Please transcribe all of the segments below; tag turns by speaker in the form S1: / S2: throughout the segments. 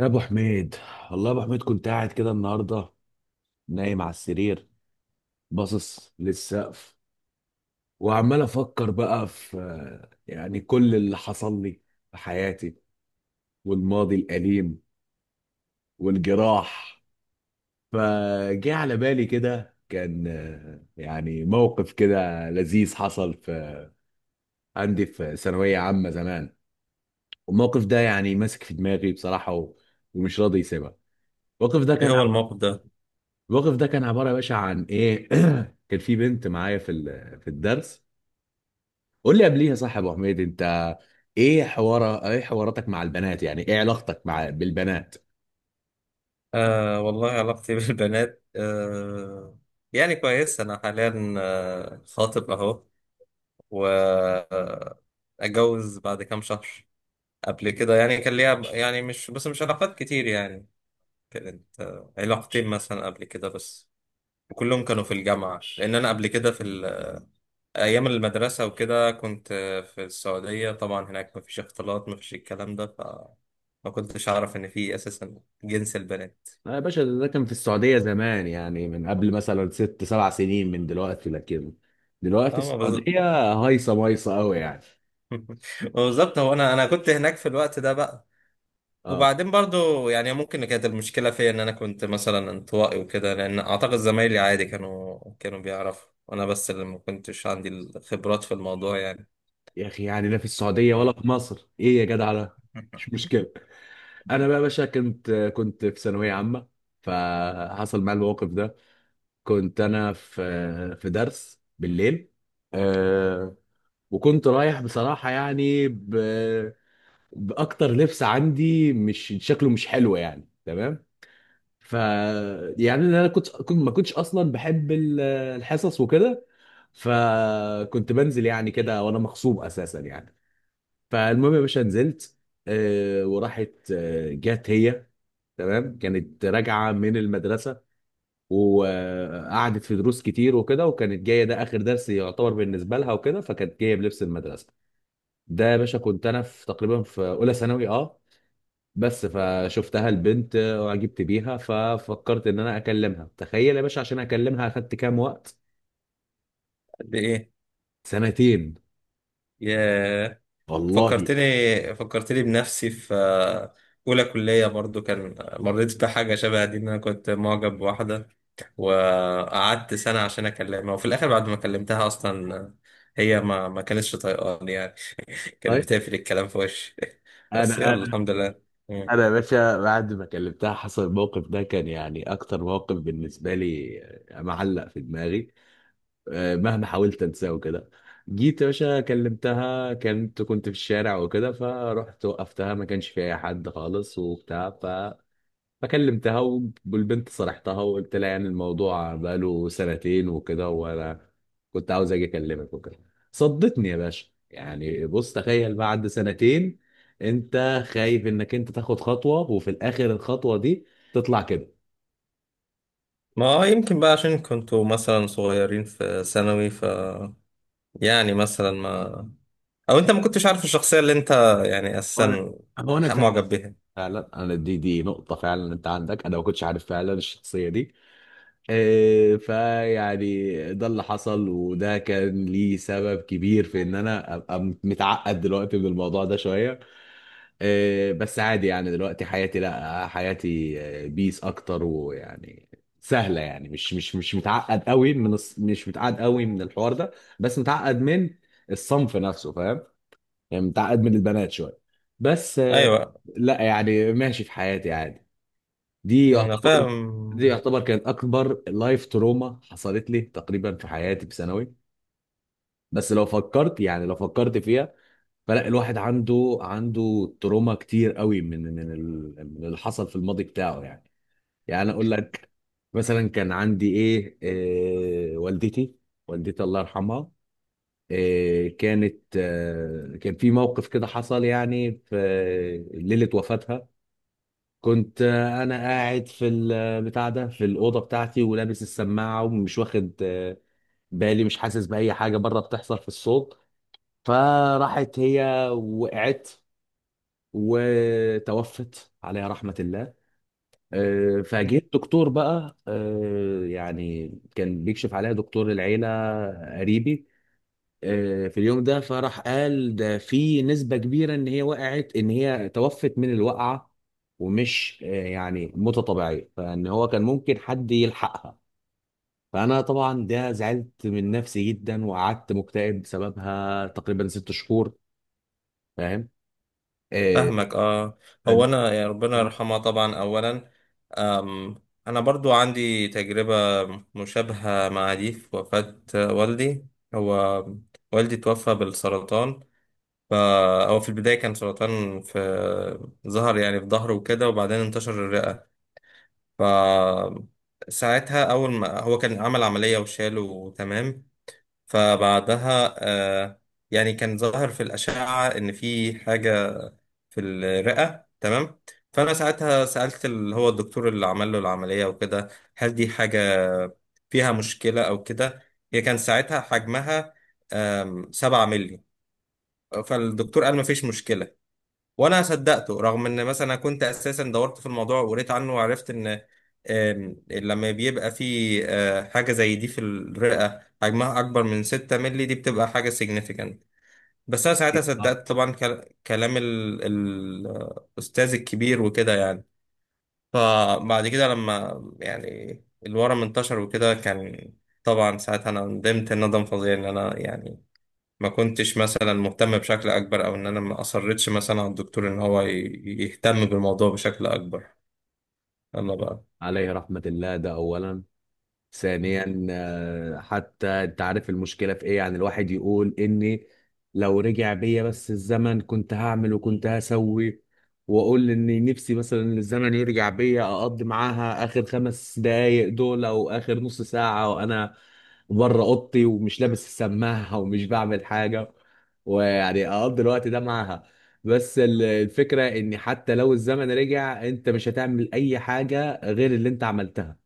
S1: يا ابو حميد، والله يا ابو حميد كنت قاعد كده النهارده، نايم على السرير، باصص للسقف، وعمال افكر بقى في يعني كل اللي حصل لي في حياتي والماضي الاليم والجراح. فجه على بالي كده، كان يعني موقف كده لذيذ حصل في عندي في ثانويه عامه زمان. والموقف ده يعني ماسك في دماغي بصراحه ومش راضي يسيبها. الموقف ده
S2: ايه
S1: كان
S2: هو الموقف ده؟
S1: الوقف ده كان عباره يا باشا عن ايه. كان في بنت معايا في في الدرس. قول لي قبليها صح يا ابو حميد انت، ايه حواراتك مع البنات؟ يعني ايه علاقتك مع بالبنات؟
S2: والله علاقتي بالبنات، يعني كويس. انا حاليا خاطب اهو، و اتجوز بعد كام شهر. قبل كده يعني كان ليا، يعني مش بس مش علاقات كتير يعني. كانت علاقتين مثلا قبل كده بس. كلهم كانوا في الجامعة، لأن أنا قبل كده في أيام المدرسة وكده كنت في السعودية. طبعا هناك مفيش اختلاط، مفيش الكلام ده. ف ما كنتش أعرف إن في أساسا جنس البنات.
S1: لا يا باشا، ده كان في السعوديه زمان، يعني من قبل مثلا 6 7 سنين من دلوقتي، لكن دلوقتي
S2: اه
S1: السعوديه هايصه مايصه قوي يعني.
S2: بالظبط. هو انا كنت هناك في الوقت ده بقى.
S1: اه.
S2: وبعدين برضو يعني ممكن كانت المشكله فيا ان انا كنت مثلا انطوائي وكده، لان اعتقد زمايلي عادي كانوا بيعرفوا، وانا بس اللي ما كنتش عندي الخبرات في الموضوع يعني.
S1: يا اخي يعني لا في السعوديه ولا
S2: اه
S1: في مصر، ايه يا جدع ده، مش مشكله. انا بقى يا باشا كنت في ثانويه عامه، فحصل معايا الموقف ده. كنت انا في درس بالليل، آه، وكنت رايح بصراحه يعني باكتر لبس عندي مش شكله مش حلو يعني، تمام. ف يعني انا كنت ما كنتش اصلا بحب الحصص وكده، فكنت بنزل يعني كده وانا مغصوب اساسا يعني. فالمهم يا باشا نزلت، وراحت جت هي، تمام. كانت راجعه من المدرسه وقعدت في دروس كتير وكده، وكانت جايه ده اخر درس يعتبر بالنسبه لها وكده، فكانت جايه بلبس المدرسه. ده يا باشا كنت انا في تقريبا في اولى ثانوي، اه، بس. فشفتها البنت وعجبت بيها، ففكرت ان انا اكلمها. تخيل يا باشا، عشان اكلمها اخدت كام وقت.
S2: قد ايه؟
S1: سنتين.
S2: يا
S1: والله.
S2: فكرتني فكرتني بنفسي في اولى كليه برضو. كان مريت بحاجه شبه دي ان انا كنت معجب بواحده، وقعدت سنة عشان أكلمها. وفي الآخر بعد ما كلمتها أصلا هي ما كانتش طايقاني يعني. كانت
S1: طيب.
S2: بتقفل الكلام في وشي. بس
S1: انا
S2: يلا
S1: انا
S2: الحمد لله. مم.
S1: انا يا باشا بعد ما كلمتها حصل الموقف ده، كان يعني اكتر موقف بالنسبه لي معلق في دماغي، مهما حاولت انساه وكده. جيت يا باشا كلمتها، كنت في الشارع وكده، فرحت وقفتها ما كانش في اي حد خالص وبتاع. فكلمتها والبنت صرحتها وقلت لها يعني الموضوع بقاله سنتين وكده، وانا كنت عاوز اجي اكلمك وكده. صدتني يا باشا، يعني بص تخيل بعد سنتين انت خايف انك انت تاخد خطوة وفي الاخر الخطوة دي تطلع كده.
S2: ما يمكن بقى عشان كنتوا مثلا صغيرين في ثانوي. ف يعني مثلا ما، أو أنت ما كنتش عارف الشخصية اللي أنت يعني
S1: وانا
S2: أساسا
S1: هو انا فعلا،
S2: معجب بيها.
S1: فعلا انا دي نقطة فعلا انت عندك، انا ما كنتش عارف فعلا الشخصية دي. إيه، فيعني ده اللي حصل، وده كان ليه سبب كبير في ان انا ابقى متعقد دلوقتي من الموضوع ده شوية. إيه، بس عادي يعني، دلوقتي حياتي، لا حياتي بيس اكتر، ويعني سهلة يعني، مش متعقد قوي من مش متعقد قوي من الحوار ده، بس متعقد من الصنف نفسه، فاهم؟ يعني متعقد من البنات شويه، بس
S2: أيوه.
S1: لا، يعني ماشي في حياتي عادي. دي
S2: أنا
S1: يعتبر دي
S2: فاهم.
S1: يعتبر كانت اكبر لايف تروما حصلت لي تقريبا في حياتي في ثانوي. بس لو فكرت يعني لو فكرت فيها، فلا، الواحد عنده تروما كتير قوي من من اللي حصل في الماضي بتاعه يعني. يعني انا اقول لك مثلا، كان عندي ايه، إيه، والدتي. والدتي الله يرحمها. إيه، كانت كان في موقف كده حصل يعني في ليلة وفاتها. كنت انا قاعد في البتاع ده في الأوضة بتاعتي ولابس السماعة ومش واخد بالي، مش حاسس بأي حاجة بره بتحصل في الصوت. فراحت هي وقعت، وتوفت عليها رحمة الله. فجيت دكتور بقى، يعني كان بيكشف عليها، دكتور العيلة، قريبي، في اليوم ده. فراح قال ده في نسبة كبيرة ان هي وقعت، ان هي توفت من الوقعة، ومش يعني موتة طبيعية، فان هو كان ممكن حد يلحقها. فانا طبعا ده زعلت من نفسي جدا وقعدت مكتئب بسببها تقريبا 6 شهور، فاهم؟ آه،
S2: فاهمك اه. هو
S1: فدي.
S2: انا، يا ربنا يرحمها طبعا اولا. أم انا برضو عندي تجربة مشابهة مع دي في وفاة والدي. هو والدي توفى بالسرطان. ف- هو في البداية كان سرطان في ظهر، يعني في ظهره وكده، وبعدين انتشر الرئة. ف ساعتها اول ما هو كان عمل عملية وشاله تمام. فبعدها آه يعني كان ظاهر في الأشعة إن في حاجة في الرئة تمام. فأنا ساعتها سألت اللي هو الدكتور اللي عمل له العملية وكده، هل دي حاجة فيها مشكلة أو كده. هي كان ساعتها حجمها 7 مللي. فالدكتور قال مفيش مشكلة. وأنا صدقته، رغم إن مثلا أنا كنت أساسا دورت في الموضوع وقريت عنه وعرفت إن لما بيبقى في حاجة زي دي في الرئة حجمها أكبر من 6 مللي دي بتبقى حاجة significant. بس انا ساعتها صدقت طبعا كلام الاستاذ الكبير وكده يعني. فبعد كده لما يعني الورم انتشر وكده كان، طبعا ساعتها انا ندمت ندم فظيع ان انا يعني ما كنتش مثلا مهتم بشكل اكبر، او ان انا ما اصرتش مثلا على الدكتور ان هو يهتم بالموضوع بشكل اكبر. يلا بقى.
S1: عليه رحمة الله، ده اولا. ثانيا حتى انت عارف المشكله في ايه، يعني الواحد يقول اني لو رجع بيا بس الزمن كنت هعمل وكنت هسوي، واقول اني نفسي مثلا الزمن يرجع بيا اقضي معاها اخر 5 دقايق دول، او اخر نص ساعه، وانا بره اوضتي ومش لابس السماعه ومش بعمل حاجه، ويعني اقضي الوقت ده معاها. بس الفكره ان حتى لو الزمن رجع انت مش هتعمل اي حاجه غير اللي انت عملتها.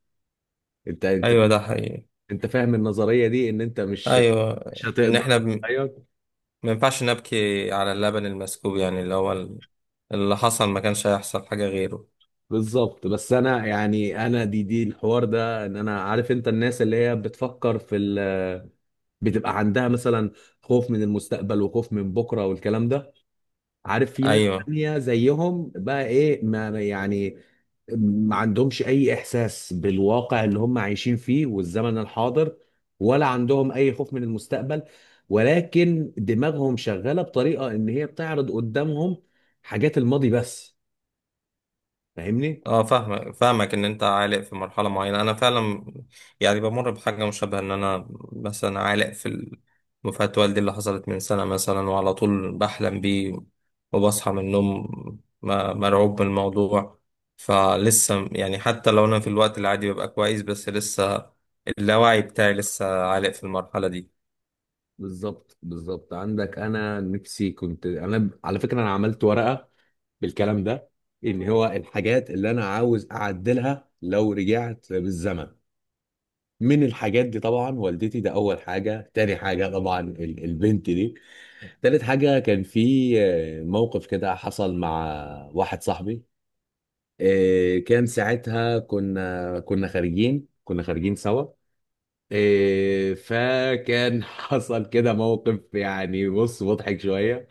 S1: انت انت
S2: ايوه ده حقيقي.
S1: انت فاهم النظريه دي، ان انت مش
S2: ايوه. ان
S1: هتقدر.
S2: احنا
S1: ايوه،
S2: ما ينفعش نبكي على اللبن المسكوب، يعني اللي هو اللي حصل ما كانش هيحصل حاجة غيره.
S1: بالظبط. بس انا يعني انا دي الحوار ده، ان انا عارف انت، الناس اللي هي بتفكر في ال، بتبقى عندها مثلا خوف من المستقبل وخوف من بكره والكلام ده. عارف في ناس
S2: ايوه.
S1: تانية زيهم بقى ايه، يعني ما عندهمش اي احساس بالواقع اللي هم عايشين فيه والزمن الحاضر، ولا عندهم اي خوف من المستقبل، ولكن دماغهم شغالة بطريقة ان هي بتعرض قدامهم حاجات الماضي بس، فاهمني؟
S2: اه فاهمك، فاهمك ان انت عالق في مرحله معينه. انا فعلا يعني بمر بحاجه مشابهه ان انا مثلا عالق في مفات والدي اللي حصلت من سنه مثلا، وعلى طول بحلم بيه وبصحى من النوم مرعوب من الموضوع. فلسه يعني حتى لو انا في الوقت العادي ببقى كويس، بس لسه اللاوعي بتاعي لسه عالق في المرحله دي.
S1: بالظبط، عندك، انا نفسي كنت، انا على فكرة انا عملت ورقة بالكلام ده، ان هو الحاجات اللي انا عاوز اعدلها لو رجعت بالزمن. من الحاجات دي طبعا والدتي، ده اول حاجه. تاني حاجه طبعا البنت دي. تالت حاجه كان في موقف كده حصل مع واحد صاحبي. كان ساعتها كنا خارجين، كنا خارجين سوا. فكان حصل كده موقف، يعني بص مضحك شويه.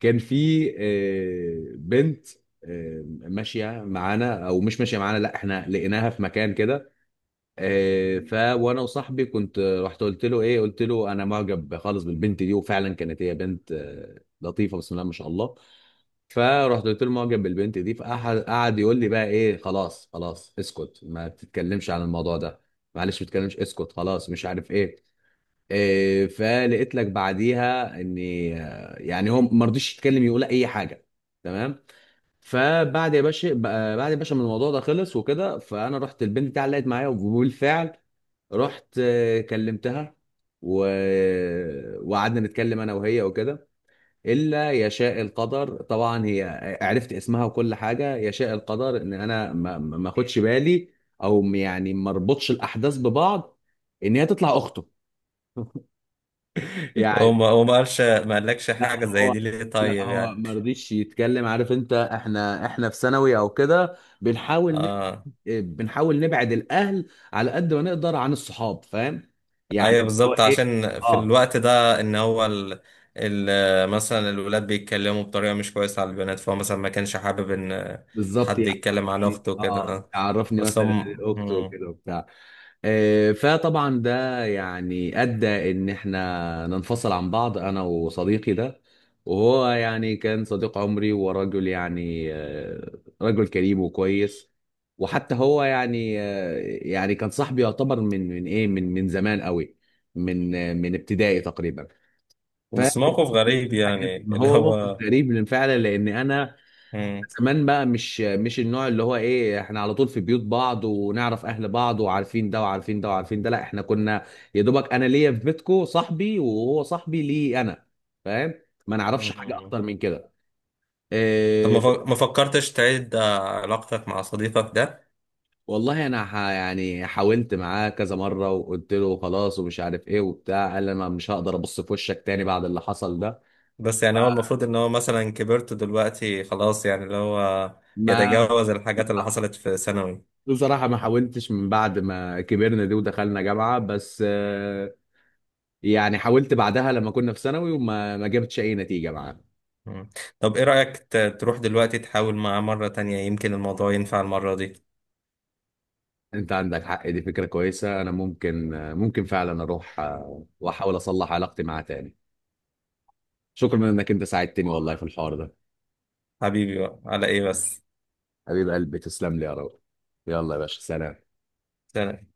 S1: كان في بنت ماشيه معانا، او مش ماشيه معانا، لا احنا لقيناها في مكان كده. آه، ف وانا وصاحبي كنت رحت قلت له ايه، قلت له انا معجب خالص بالبنت دي. وفعلا كانت هي بنت لطيفه، بسم الله ما شاء الله. فرحت قلت له معجب بالبنت دي، فقعد يقول لي بقى ايه، خلاص خلاص اسكت، ما تتكلمش عن الموضوع ده، معلش ما تتكلمش، اسكت خلاص، مش عارف ايه. فلقيت لك بعديها اني يعني هو ما رضيش يتكلم يقول اي حاجه، تمام. فبعد يا باشا بعد يا باشا ما الموضوع ده خلص وكده، فانا رحت البنت بتاعي علقت معايا، وبالفعل رحت كلمتها، و... وقعدنا نتكلم انا وهي وكده. الا يشاء القدر طبعا، هي عرفت اسمها وكل حاجه، يشاء القدر ان انا ما اخدش بالي، يعني ما اربطش الاحداث ببعض، ان هي تطلع اخته. يعني.
S2: وما قالش، ما قالكش
S1: لا
S2: حاجه زي
S1: هو
S2: دي ليه
S1: لا،
S2: طيب
S1: هو
S2: يعني؟
S1: ما رضيش يتكلم. عارف انت، احنا في ثانوي او كده، بنحاول
S2: اه.
S1: نبعد الاهل على قد ما نقدر عن الصحاب، فاهم؟ يعني
S2: ايوه
S1: اللي هو
S2: بالظبط،
S1: ايه.
S2: عشان في
S1: اه،
S2: الوقت ده ان هو مثلا الولاد بيتكلموا بطريقه مش كويسه على البنات، فهو مثلا ما كانش حابب ان
S1: بالظبط.
S2: حد يتكلم عن
S1: يعني
S2: اخته وكده
S1: اه،
S2: آه.
S1: عرفني
S2: بس
S1: مثلا
S2: هم
S1: اخته
S2: مم.
S1: وكده وبتاع. فطبعا ده يعني ادى ان احنا ننفصل عن بعض، انا وصديقي ده. وهو يعني كان صديق عمري ورجل، يعني رجل كريم وكويس. وحتى هو يعني يعني كان صاحبي يعتبر من من ايه من من زمان قوي، من من ابتدائي تقريبا،
S2: بس
S1: فاكر.
S2: موقف غريب
S1: حاجات.
S2: يعني
S1: ما
S2: اللي
S1: هو موقف
S2: هو.
S1: غريب من فعلا، لان انا
S2: مم.
S1: زمان بقى، مش النوع اللي هو ايه احنا على طول في بيوت بعض، ونعرف اهل بعض، وعارفين ده وعارفين ده وعارفين ده. لا، احنا كنا يا دوبك انا ليا في بيتكو صاحبي، وهو صاحبي ليه انا، فاهم؟ ما نعرفش حاجه
S2: مم.
S1: اكتر من كده.
S2: طب ما
S1: إيه.
S2: ما فكرتش تعيد علاقتك مع صديقك ده؟
S1: والله انا يعني حاولت معاه كذا مره وقلت له خلاص ومش عارف ايه وبتاع، قال لي انا مش هقدر ابص في وشك تاني بعد اللي حصل ده.
S2: بس يعني هو المفروض ان هو مثلا كبرت دلوقتي خلاص، يعني اللي هو
S1: ما
S2: يتجاوز الحاجات اللي حصلت في ثانوي.
S1: بصراحة ما حاولتش من بعد ما كبرنا دي ودخلنا جامعة، بس يعني حاولت بعدها لما كنا في ثانوي وما ما جبتش أي نتيجة معاها.
S2: مم. طب ايه رأيك تروح دلوقتي تحاول معاه مرة تانية، يمكن الموضوع ينفع المرة دي.
S1: أنت عندك حق، دي فكرة كويسة. أنا ممكن ممكن فعلا أروح وأحاول أصلح علاقتي معاه تاني. شكرا إنك أنت ساعدتني والله في الحوار ده.
S2: حبيبي بقى على ايه بس.
S1: حبيب قلبي تسلم لي يا رب. يلا يا باشا، سلام.
S2: سلام.